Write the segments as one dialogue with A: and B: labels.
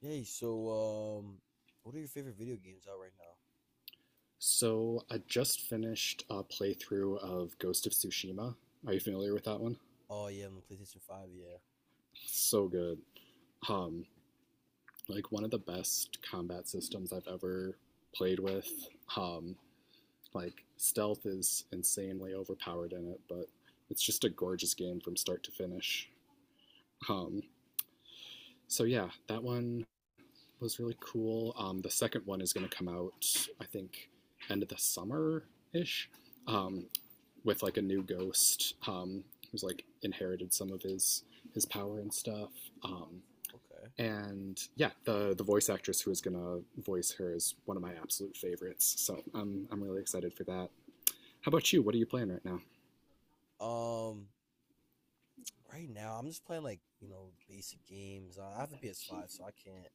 A: Yay, so um what are your favorite video games out right now?
B: So I just finished a playthrough of Ghost of Tsushima. Are you familiar with that one?
A: Oh yeah, I'm on PlayStation 5, yeah.
B: So good. Um, like one of the best combat systems I've ever played with. Um, like stealth is insanely overpowered in it, but it's just a gorgeous game from start to finish. Um, so yeah, that one was really cool. The second one is going to come out, I think, end of the summer ish. Um, with like a new ghost who's like inherited some of his power and stuff. Um,
A: Okay.
B: and yeah, the voice actress who is gonna voice her is one of my absolute favorites. So I'm really excited for that. How about you? What are you playing right now?
A: Um right now I'm just playing, like, you know, basic games. I have the PS5, so I can't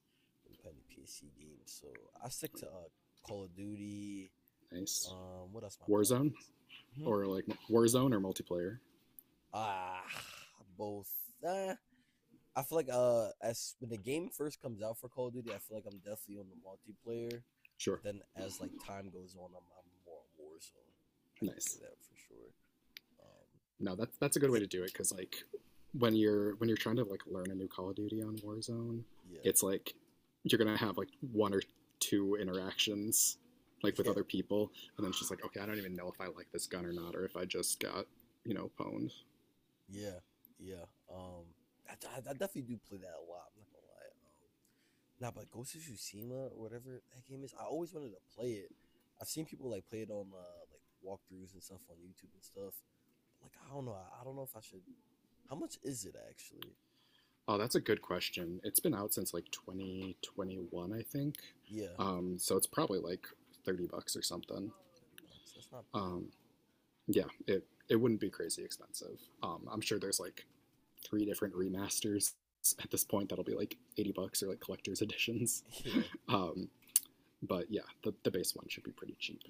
A: really play any PSC games. So I stick to Call of Duty.
B: Nice.
A: Um, what else am I playing?
B: Warzone
A: Like, hmm?
B: or like Warzone or multiplayer?
A: Ah, both. uh, I feel like as when the game first comes out for Call of Duty, I feel like I'm definitely on the multiplayer,
B: Sure.
A: but then as like time goes on, I'm more on Warzone. I can say
B: Nice.
A: that for sure. Um,
B: No, that's a good way
A: yeah,
B: to do it because like when you're trying to like learn a new Call of Duty on Warzone,
A: yeah.
B: it's like you're gonna have like one or two interactions like with other people, and then it's just like okay, I don't even know if I like this gun or not, or if I just got pwned.
A: Yeah, yeah, yeah. Um, I definitely do play that a lot. I'm not gonna lie. Nah, but Ghost of Tsushima or whatever that game is, I always wanted to play it. I've seen people like play it on like walkthroughs and stuff on YouTube and stuff. But like, I don't know. I don't know if I should. How much is it actually?
B: Oh, that's a good question. It's been out since like 2021, I think.
A: Yeah.
B: So it's probably like 30 bucks or something.
A: $30. That's not bad.
B: Um, yeah, it wouldn't be crazy expensive. I'm sure there's like three different remasters at this point that'll be like 80 bucks or like collector's editions.
A: Yeah.
B: Um, but yeah, the base one should be pretty cheap,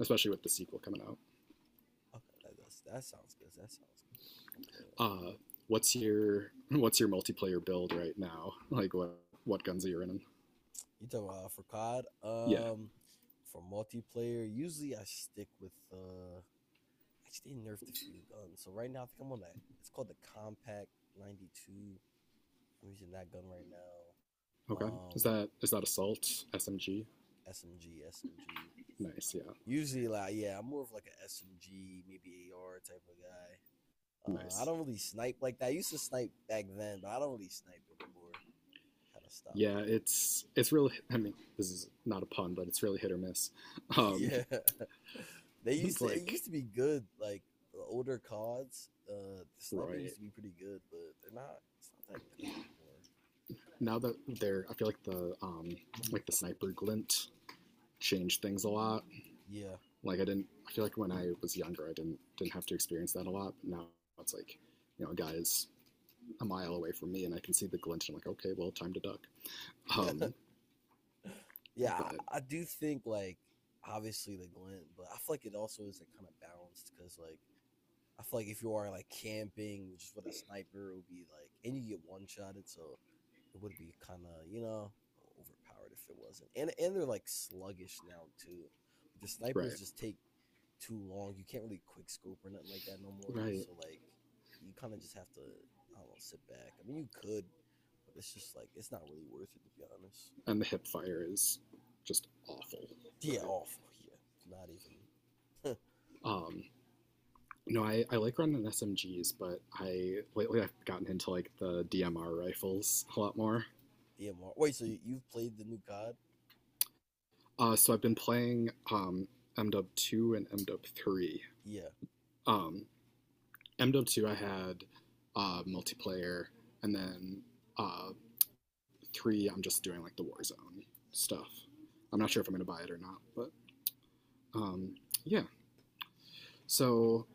B: especially with the sequel coming out.
A: Okay. That sounds good. That sounds good. Okay.
B: Uh, what's your what's your multiplayer build right now? Like what guns are you running?
A: You talking about for COD?
B: Yeah.
A: For multiplayer, usually I stick with Actually, they nerfed a few guns. So right now, I think I'm on that. It's called the Compact 92. I'm using that gun right now.
B: Okay.
A: Um,
B: Is that assault SMG?
A: SMG, SMG.
B: Nice. Yeah.
A: Usually, like, yeah, I'm more of like a SMG, maybe AR type of guy. I
B: Nice.
A: don't really snipe like that. I used to snipe back then, but I don't really snipe anymore. I kind of stopped
B: Yeah.
A: that.
B: It's really. I mean, this is not a pun, but it's really hit or miss. Um,
A: Yeah. They used
B: it's
A: to it
B: like
A: used to be good, like the older CODs. Sniping used
B: right
A: to be pretty good, but they're not it's not that good no more.
B: now that
A: Uh,
B: they're, I feel like the like the sniper glint changed things a lot like I didn't I feel like when I was younger I didn't have to experience that a lot, but now it's like you know a guy is a mile away from me and I can see the glint and I'm like okay, well time to duck.
A: I don't know. Yeah.
B: Um
A: Yeah,
B: but
A: I do think like, obviously the glint, but I feel like it also isn't kind of balanced because, like, I feel like if you are like camping just with a sniper, it would be like, and you get one shotted, so it would be kind of, you know, overpowered if it wasn't. And they're like sluggish now too. Like, the snipers
B: Right,
A: just take too long. You can't really quick scope or nothing like that no more.
B: right,
A: So like, you kind of just have to, I don't know, sit back. I mean, you could, but it's just like, it's not really worth it, to be honest.
B: and the hip fire is just awful.
A: Yeah,
B: Right.
A: awful. Yeah, not even.
B: um no, I like running SMGs, but I lately I've gotten into like the DMR rifles a lot more.
A: DMR. Wait, so you've played the new COD?
B: So I've been playing MDub two and MDub three.
A: Yeah,
B: Um, MDub two I had multiplayer, and then uh, three I'm just doing like the Warzone stuff. I'm not
A: yeah.
B: sure if I'm gonna buy it or not, but um, yeah. So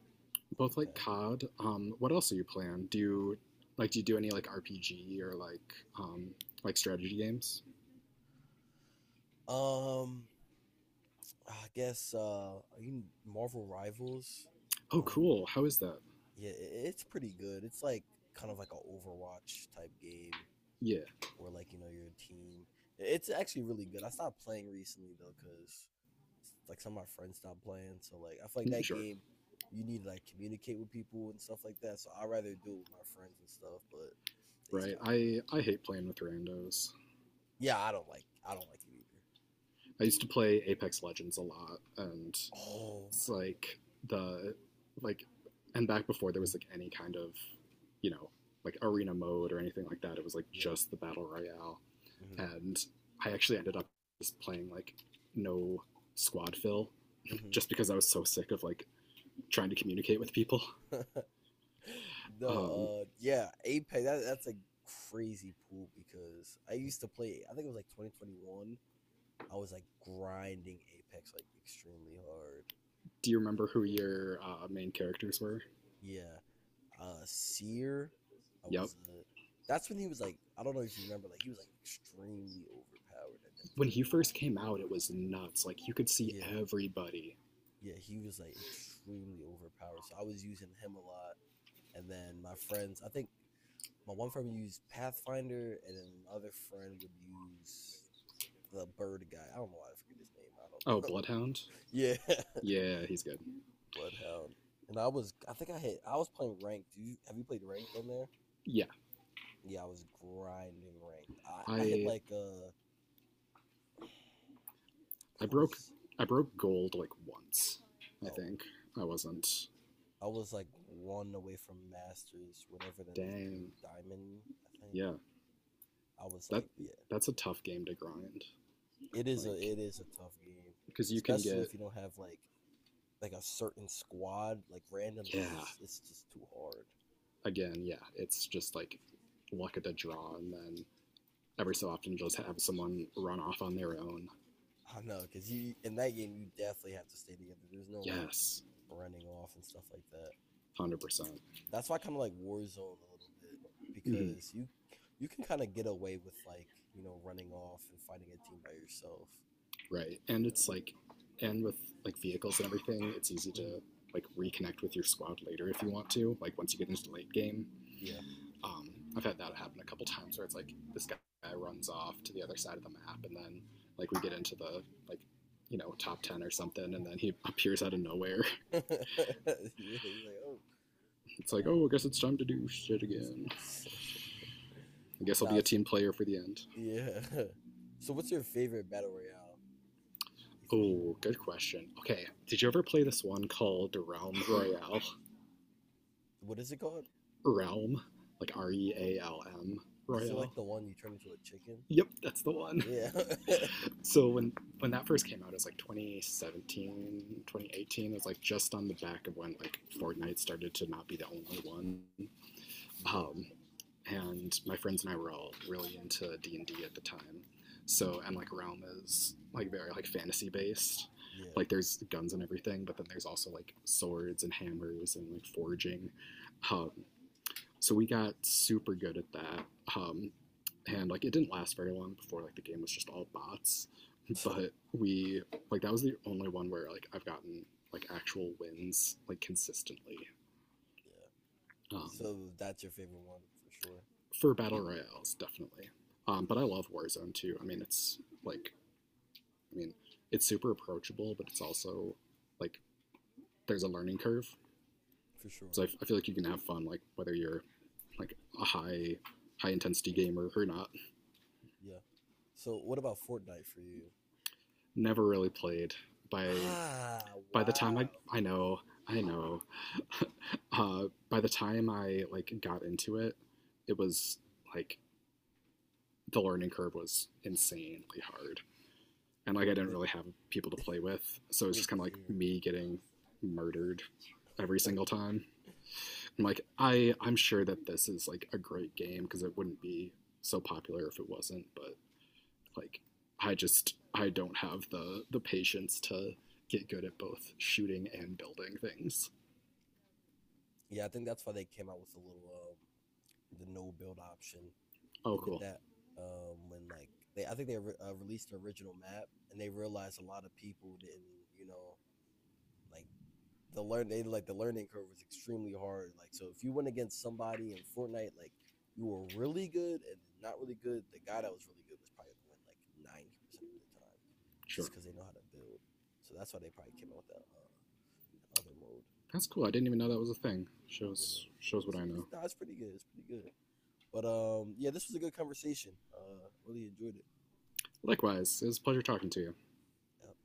B: both like
A: Okay.
B: COD. What else are you playing? Do you like do you do any like RPG or like strategy games?
A: Um, I guess you Marvel Rivals.
B: Oh,
A: Um,
B: cool. How is that?
A: yeah, it's pretty good. It's like kind of like a Overwatch type game.
B: Yeah,
A: Or like, you know, your team. It's actually really good. I stopped playing recently though because like some of my friends stopped playing, so like I feel like that
B: sure.
A: game you need to like communicate with people and stuff like that. So I'd rather do it with my friends and stuff, but they
B: Right.
A: stopped playing.
B: I hate playing with randos.
A: Yeah, I don't like it either.
B: I used to play Apex Legends a lot, and
A: Oh
B: it's
A: my,
B: like the like, and back before there was like any kind of, you know, like arena mode or anything like that. It was like
A: yeah.
B: just the battle royale, and I actually ended up just playing like no squad fill
A: Mm-hmm.
B: just because I was so sick of like trying to communicate with people.
A: Mm-hmm. No.
B: Um,
A: Yeah, Apex, that's a crazy pool because I used to play, I think it was like 2021. I was like grinding Apex like extremely hard. And
B: do you remember who your main characters were?
A: yeah. Uh, Seer. I
B: Yep.
A: was that's when he was like, I don't know if you remember, like he was like extremely overpowered at that
B: When
A: time.
B: he first came out, it was nuts. Like you could see
A: Yeah.
B: everybody.
A: Yeah, he was like extremely overpowered. So I was using him a lot. And then my friends, I think my one friend would use Pathfinder and then my other friend would use the bird guy. I don't know why I forget his name.
B: Oh,
A: I
B: Bloodhound.
A: don't know. Yeah.
B: Yeah, he's good.
A: Bloodhound. And I was I think I hit I was playing ranked. Do you Have you played ranked on there?
B: Yeah,
A: Yeah, I was grinding ranked. I hit
B: I
A: like I think
B: I
A: I
B: broke
A: was,
B: gold like once. I
A: oh,
B: think I wasn't.
A: I was like one away from masters, whatever that is, maybe
B: Dang.
A: diamond. I think
B: Yeah,
A: I was
B: that
A: like, yeah,
B: that's a tough game to grind. Like,
A: it is a tough game,
B: because you can
A: especially
B: get
A: if you don't have like a certain squad. Like randoms, is
B: yeah.
A: just- it's just too hard.
B: Again, yeah, it's just like luck at the draw, and then every so often just have someone run off on their own.
A: I don't know, because you in that game you definitely have to stay together. There's no like
B: Yes,
A: running off and stuff like that.
B: 100%.
A: That's why I kind of like Warzone a little bit
B: hmm
A: because you can kind of get away with like, you know, running off and fighting a team by yourself.
B: Right,
A: You
B: and
A: know.
B: it's like, and with like vehicles and everything, it's easy
A: Mhm.
B: to like reconnect with your squad later if you want to. Like once you get into the late game,
A: Yeah.
B: um, I've had that happen a couple times where it's like this guy runs off to the other side of the map, and then like we get into the like you know top ten or something, and then he appears out of nowhere.
A: Yeah. He's like, oh,
B: It's like,
A: uh.
B: oh, I guess it's time to do shit again. I guess I'll be
A: Nah.
B: a
A: So
B: team player for the end.
A: yeah. So what's your favorite battle royale, you think?
B: Oh, good question. Okay, did you ever play this one called Realm Royale?
A: What is it called?
B: Realm, like Realm
A: Is it
B: Royale.
A: like the one you turn into a chicken?
B: Yep, that's the one.
A: Yeah.
B: So when that first came out, it was like 2017, 2018. It was like just on the back of when like Fortnite started to not be the only one.
A: Yeah,
B: Um, and my friends and I were all really into D and D at the time. So and like Realm is like very like fantasy based.
A: yeah.
B: Like there's guns and everything, but then there's also like swords and hammers and like forging. Um, so we got super good at that. Um, and like it didn't last very long before like the game was just all bots, but we like that was the only one where like I've gotten like actual wins like consistently
A: Yeah.
B: um,
A: So that's your favorite one for sure.
B: for battle royales definitely.
A: Okay,
B: But I love Warzone too. I mean, it's like
A: yeah,
B: I mean it's super approachable, but it's also like there's a learning curve.
A: for
B: So
A: sure.
B: I feel like you can have fun like whether you're like a high intensity gamer or not.
A: Yeah. So what about Fortnite for you?
B: Never really played by
A: Ah,
B: by the time
A: wow.
B: I know by the time I like got into it, it was like the learning curve was insanely hard, and like I didn't
A: What
B: really have people to play with, so it's
A: what
B: just kind of like
A: year?
B: me getting murdered every single time. I'm like I'm sure that this is like a great game because it wouldn't be so popular if it wasn't, but like I just I don't have the patience to get good at both shooting and building things.
A: Yeah, I think that's why they came out with a little the no build option. They
B: Oh,
A: did
B: cool.
A: that when like they, I think they re- released the original map and they realized a lot of people didn't, you know, like the learn they like, the learning curve was extremely hard. Like, so if you went against somebody in Fortnite, like, you were really good and not really good, the guy that was really good was probably gonna win like 90% of the time, just
B: Sure.
A: because they know how to build. So that's why they probably came out with that other mode.
B: That's
A: But
B: cool. I didn't even know that was a thing. Shows
A: yeah,
B: shows what I
A: it's,
B: know.
A: nah, it's pretty good. It's pretty good. But yeah, this was a good conversation. Really enjoyed it.
B: Likewise, it was a pleasure talking to you.
A: Yeah.